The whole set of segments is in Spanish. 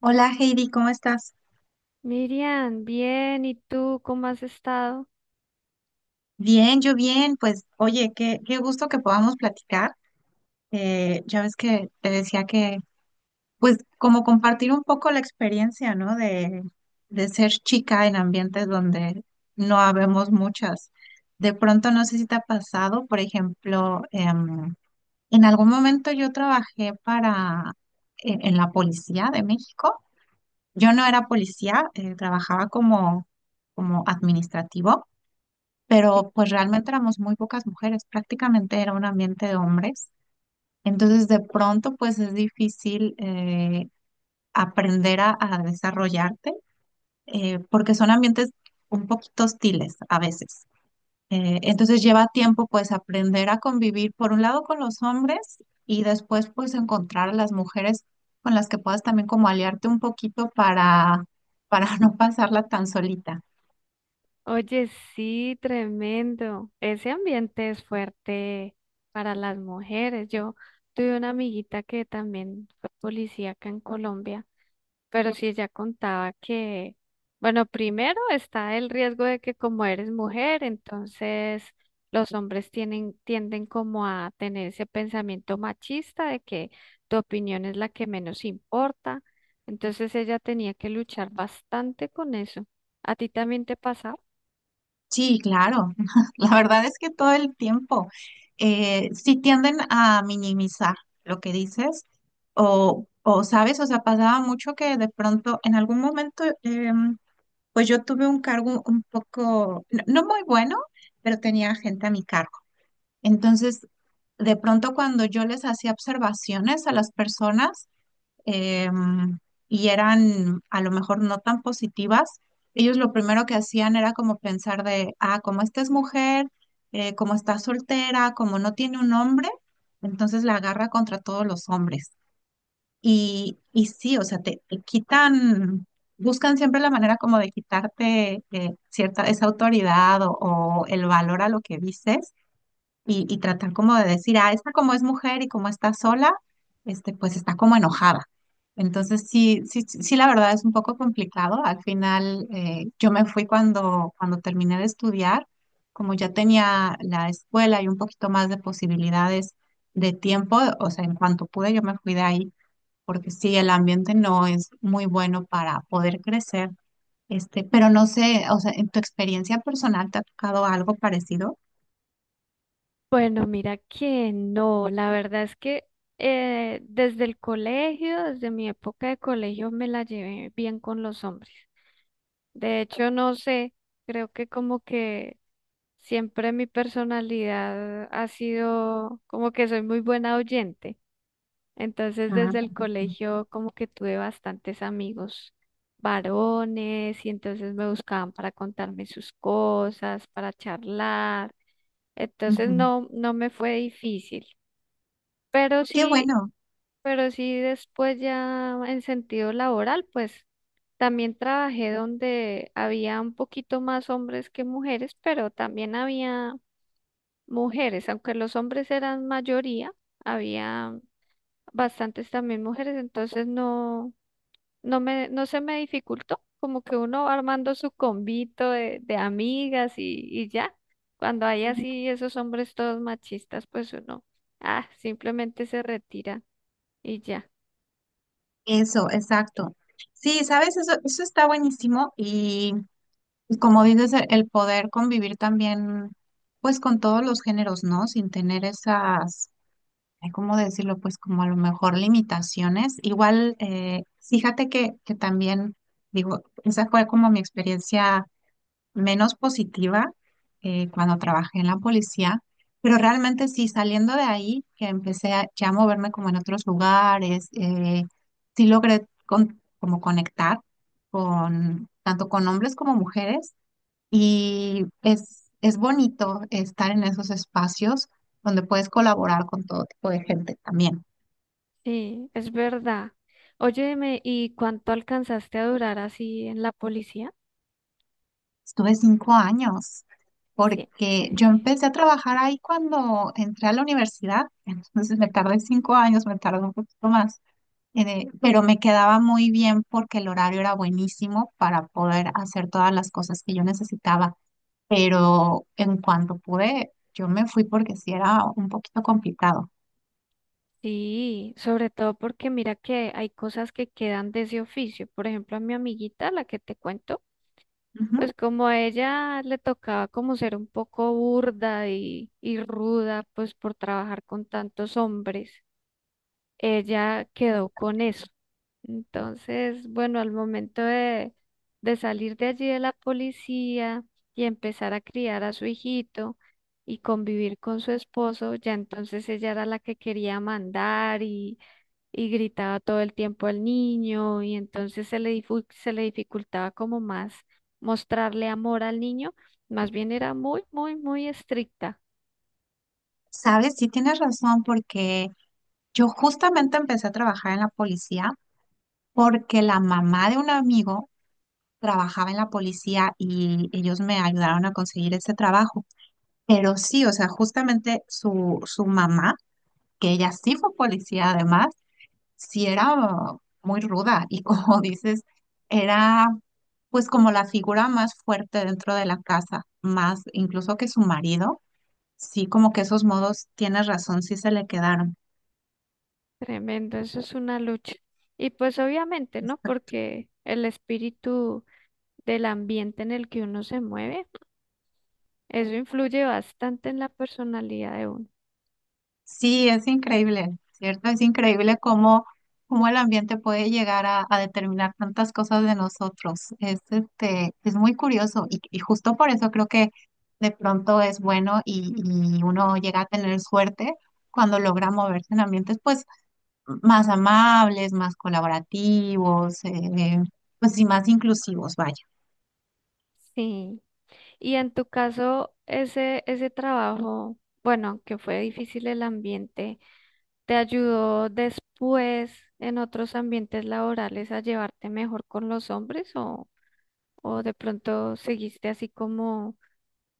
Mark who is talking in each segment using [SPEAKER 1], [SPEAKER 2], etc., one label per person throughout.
[SPEAKER 1] Hola Heidi, ¿cómo estás?
[SPEAKER 2] Miriam, bien, ¿y tú cómo has estado?
[SPEAKER 1] Bien, yo bien. Pues oye, qué gusto que podamos platicar. Ya ves que te decía que, pues como compartir un poco la experiencia, ¿no? De ser chica en ambientes donde no habemos muchas. De pronto, no sé si te ha pasado, por ejemplo, en algún momento yo trabajé en la policía de México. Yo no era policía, trabajaba como administrativo. Pero pues realmente éramos muy pocas mujeres, prácticamente era un ambiente de hombres. Entonces de pronto pues es difícil aprender a desarrollarte porque son ambientes un poquito hostiles a veces. Entonces lleva tiempo pues aprender a convivir por un lado con los hombres y después pues encontrar a las mujeres con las que puedas también como aliarte un poquito para no pasarla tan solita.
[SPEAKER 2] Oye, sí, tremendo. Ese ambiente es fuerte para las mujeres. Yo tuve una amiguita que también fue policía acá en Colombia. Pero sí, ya contaba que, bueno, primero está el riesgo de que como eres mujer, entonces los hombres tienden como a tener ese pensamiento machista de que tu opinión es la que menos importa. Entonces ella tenía que luchar bastante con eso. ¿A ti también te pasaba?
[SPEAKER 1] Sí, claro. La verdad es que todo el tiempo sí tienden a minimizar lo que dices sabes, o sea, pasaba mucho que de pronto en algún momento, pues yo tuve un cargo un poco, no, no muy bueno, pero tenía gente a mi cargo. Entonces, de pronto cuando yo les hacía observaciones a las personas, em, y eran a lo mejor no tan positivas, ellos lo primero que hacían era como pensar de, ah, como esta es mujer, como está soltera, como no tiene un hombre, entonces la agarra contra todos los hombres. Y sí, o sea, te quitan, buscan siempre la manera como de quitarte cierta, esa autoridad o el valor a lo que dices y tratar como de decir, ah, esta como es mujer y como está sola, este, pues está como enojada. Entonces, sí, sí, sí, sí, la verdad es un poco complicado. Al final, yo me fui cuando terminé de estudiar, como ya tenía la escuela y un poquito más de posibilidades de tiempo, o sea, en cuanto pude, yo me fui de ahí, porque sí, el ambiente no es muy bueno para poder crecer. Este, pero no sé, o sea, en tu experiencia personal, ¿te ha tocado algo parecido?
[SPEAKER 2] Bueno, mira que no, la verdad es que desde el colegio, desde mi época de colegio, me la llevé bien con los hombres. De hecho, no sé, creo que como que siempre mi personalidad ha sido como que soy muy buena oyente. Entonces,
[SPEAKER 1] Ah,
[SPEAKER 2] desde el
[SPEAKER 1] perfecto.
[SPEAKER 2] colegio como que tuve bastantes amigos varones y entonces me buscaban para contarme sus cosas, para charlar. Entonces
[SPEAKER 1] Ujú.
[SPEAKER 2] no me fue difícil, pero
[SPEAKER 1] Qué
[SPEAKER 2] sí,
[SPEAKER 1] bueno,
[SPEAKER 2] pero sí después ya en sentido laboral, pues también trabajé donde había un poquito más hombres que mujeres, pero también había mujeres, aunque los hombres eran mayoría, había bastantes también mujeres, entonces no se me dificultó, como que uno va armando su convito de amigas y ya. Cuando hay así esos hombres todos machistas, pues uno, ah, simplemente se retira y ya.
[SPEAKER 1] eso, exacto. Sí, sabes, eso está buenísimo y como dices, el poder convivir también, pues con todos los géneros, ¿no? Sin tener esas, ay, ¿cómo decirlo? Pues como a lo mejor limitaciones. Igual, fíjate que también, digo, esa fue como mi experiencia menos positiva cuando trabajé en la policía, pero realmente sí, saliendo de ahí, que empecé ya a moverme como en otros lugares, sí logré como conectar con tanto con hombres como mujeres y es bonito estar en esos espacios donde puedes colaborar con todo tipo de gente también.
[SPEAKER 2] Sí, es verdad. Óyeme, ¿y cuánto alcanzaste a durar así en la policía?
[SPEAKER 1] Estuve 5 años,
[SPEAKER 2] Sí.
[SPEAKER 1] porque yo
[SPEAKER 2] eh,
[SPEAKER 1] empecé a trabajar ahí cuando entré a la universidad, entonces me tardé 5 años, me tardé un poquito más, pero me quedaba muy bien porque el horario era buenísimo para poder hacer todas las cosas que yo necesitaba, pero en cuanto pude, yo me fui porque sí era un poquito complicado.
[SPEAKER 2] Sí, sobre todo porque mira que hay cosas que quedan de ese oficio. Por ejemplo, a mi amiguita, la que te cuento.
[SPEAKER 1] Ujú.
[SPEAKER 2] Pues como a ella le tocaba como ser un poco burda y ruda, pues por trabajar con tantos hombres, ella quedó con eso. Entonces, bueno, al momento de salir de allí de la policía y empezar a criar a su hijito y convivir con su esposo, ya entonces ella era la que quería mandar y gritaba todo el tiempo al niño y entonces se le dificultaba como más mostrarle amor al niño, más bien era muy, muy, muy estricta.
[SPEAKER 1] Sabes, sí tienes razón, porque yo justamente empecé a trabajar en la policía porque la mamá de un amigo trabajaba en la policía y ellos me ayudaron a conseguir ese trabajo. Pero sí, o sea, justamente su mamá, que ella sí fue policía además, sí era muy ruda y como dices, era pues como la figura más fuerte dentro de la casa, más incluso que su marido, sí como que esos modos, tienes razón, sí se le quedaron.
[SPEAKER 2] Tremendo, eso es una lucha. Y pues obviamente, ¿no? Porque el espíritu del ambiente en el que uno se mueve eso influye bastante en la personalidad de uno.
[SPEAKER 1] Sí, es increíble, ¿cierto? Es increíble cómo el ambiente puede llegar a determinar tantas cosas de nosotros. Es muy curioso y justo por eso creo que de pronto es bueno y uno llega a tener suerte cuando logra moverse en ambientes pues más amables, más colaborativos, pues y más inclusivos, vaya.
[SPEAKER 2] Sí. Y en tu caso, ese trabajo, bueno, que fue difícil el ambiente, ¿te ayudó después en otros ambientes laborales a llevarte mejor con los hombres o de pronto seguiste así como,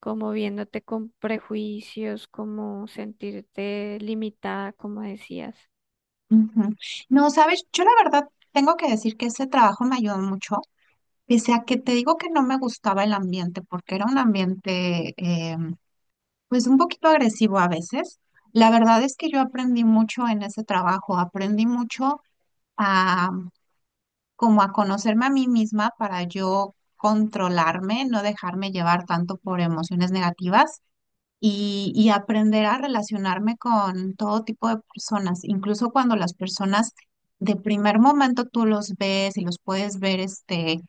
[SPEAKER 2] como viéndote con prejuicios, como sentirte limitada, como decías?
[SPEAKER 1] Ujú. No, sabes, yo la verdad tengo que decir que ese trabajo me ayudó mucho. Pese a que te digo que no me gustaba el ambiente, porque era un ambiente pues un poquito agresivo a veces, la verdad es que yo aprendí mucho en ese trabajo, aprendí mucho a como a conocerme a mí misma para yo controlarme, no dejarme llevar tanto por emociones negativas y aprender a relacionarme con todo tipo de personas, incluso cuando las personas de primer momento tú los ves y los puedes ver, este,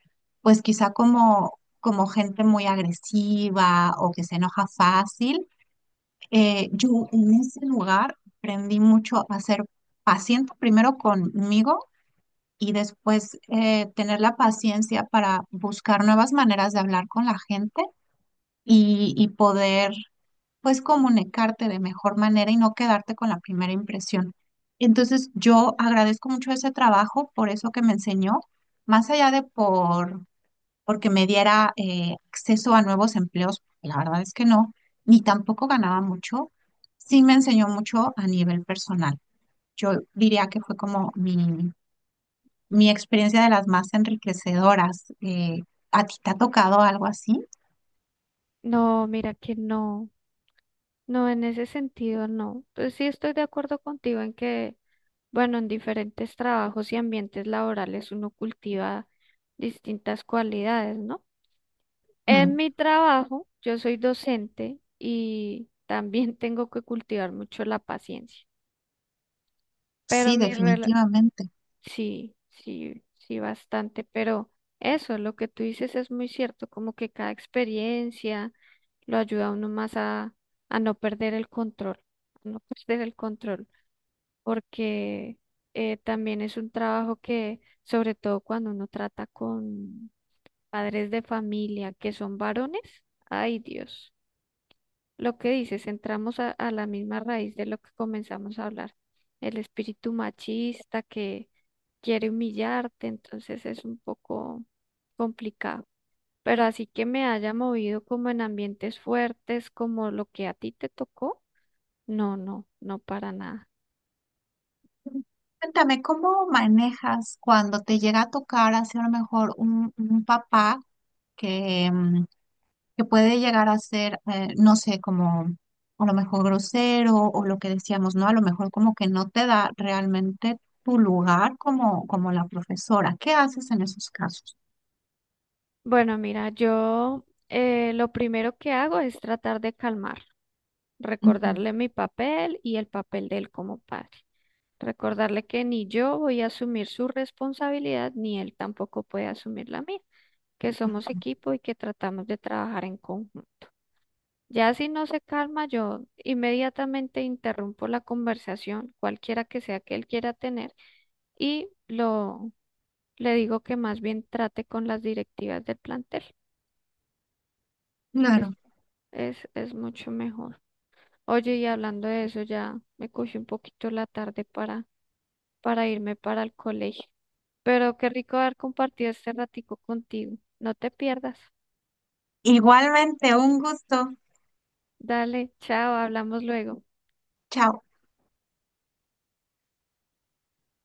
[SPEAKER 1] pues quizá como, gente muy agresiva o que se enoja fácil. Yo en ese lugar aprendí mucho a ser paciente primero conmigo. Y después tener la paciencia para buscar nuevas maneras de hablar con la gente y poder pues comunicarte de mejor manera y no quedarte con la primera impresión. Entonces, yo agradezco mucho ese trabajo por eso que me enseñó, más allá de porque me diera acceso a nuevos empleos, la verdad es que no, ni tampoco ganaba mucho, sí me enseñó mucho a nivel personal. Yo diría que fue como mi experiencia de las más enriquecedoras. ¿A ti te ha tocado algo así?
[SPEAKER 2] No, mira que no. No, en ese sentido no. Pues sí estoy de acuerdo contigo en que, bueno, en diferentes trabajos y ambientes laborales uno cultiva distintas cualidades, ¿no? En
[SPEAKER 1] Mm,
[SPEAKER 2] mi trabajo, yo soy docente y también tengo que cultivar mucho la paciencia, pero
[SPEAKER 1] sí, definitivamente.
[SPEAKER 2] sí, sí, sí, bastante, pero eso, lo que tú dices es muy cierto, como que cada experiencia lo ayuda a uno más a no perder el control, a no perder el control, porque también es un trabajo que, sobre todo cuando uno trata con padres de familia que son varones, ay Dios. Lo que dices, entramos a la misma raíz de lo que comenzamos a hablar, el espíritu machista que quiere humillarte, entonces es un poco complicado. Pero así que me haya movido como en ambientes fuertes, como lo que a ti te tocó, no, no, no para nada.
[SPEAKER 1] Cuéntame, ¿cómo manejas cuando te llega a tocar hacer a lo mejor un papá que, mm, que puede llegar a ser, no sé, como a lo mejor grosero o lo que decíamos, ¿no? A lo mejor como que no te da realmente tu lugar como la profesora. ¿Qué haces en esos casos?
[SPEAKER 2] Bueno, mira, yo lo primero que hago es tratar de calmar,
[SPEAKER 1] Ujú,
[SPEAKER 2] recordarle mi papel y el papel de él como padre. Recordarle que ni yo voy a asumir su responsabilidad, ni él tampoco puede asumir la mía, que somos
[SPEAKER 1] ujú.
[SPEAKER 2] equipo y que tratamos de trabajar en conjunto. Ya si no se calma, yo inmediatamente interrumpo la conversación, cualquiera que sea que él quiera tener, y lo le digo que más bien trate con las directivas del plantel. Es,
[SPEAKER 1] Claro.
[SPEAKER 2] es mucho mejor. Oye, y hablando de eso, ya me cogí un poquito la tarde para irme para el colegio. Pero qué rico haber compartido este ratico contigo. No te pierdas.
[SPEAKER 1] Igualmente, un gusto.
[SPEAKER 2] Dale, chao, hablamos luego.
[SPEAKER 1] Chao.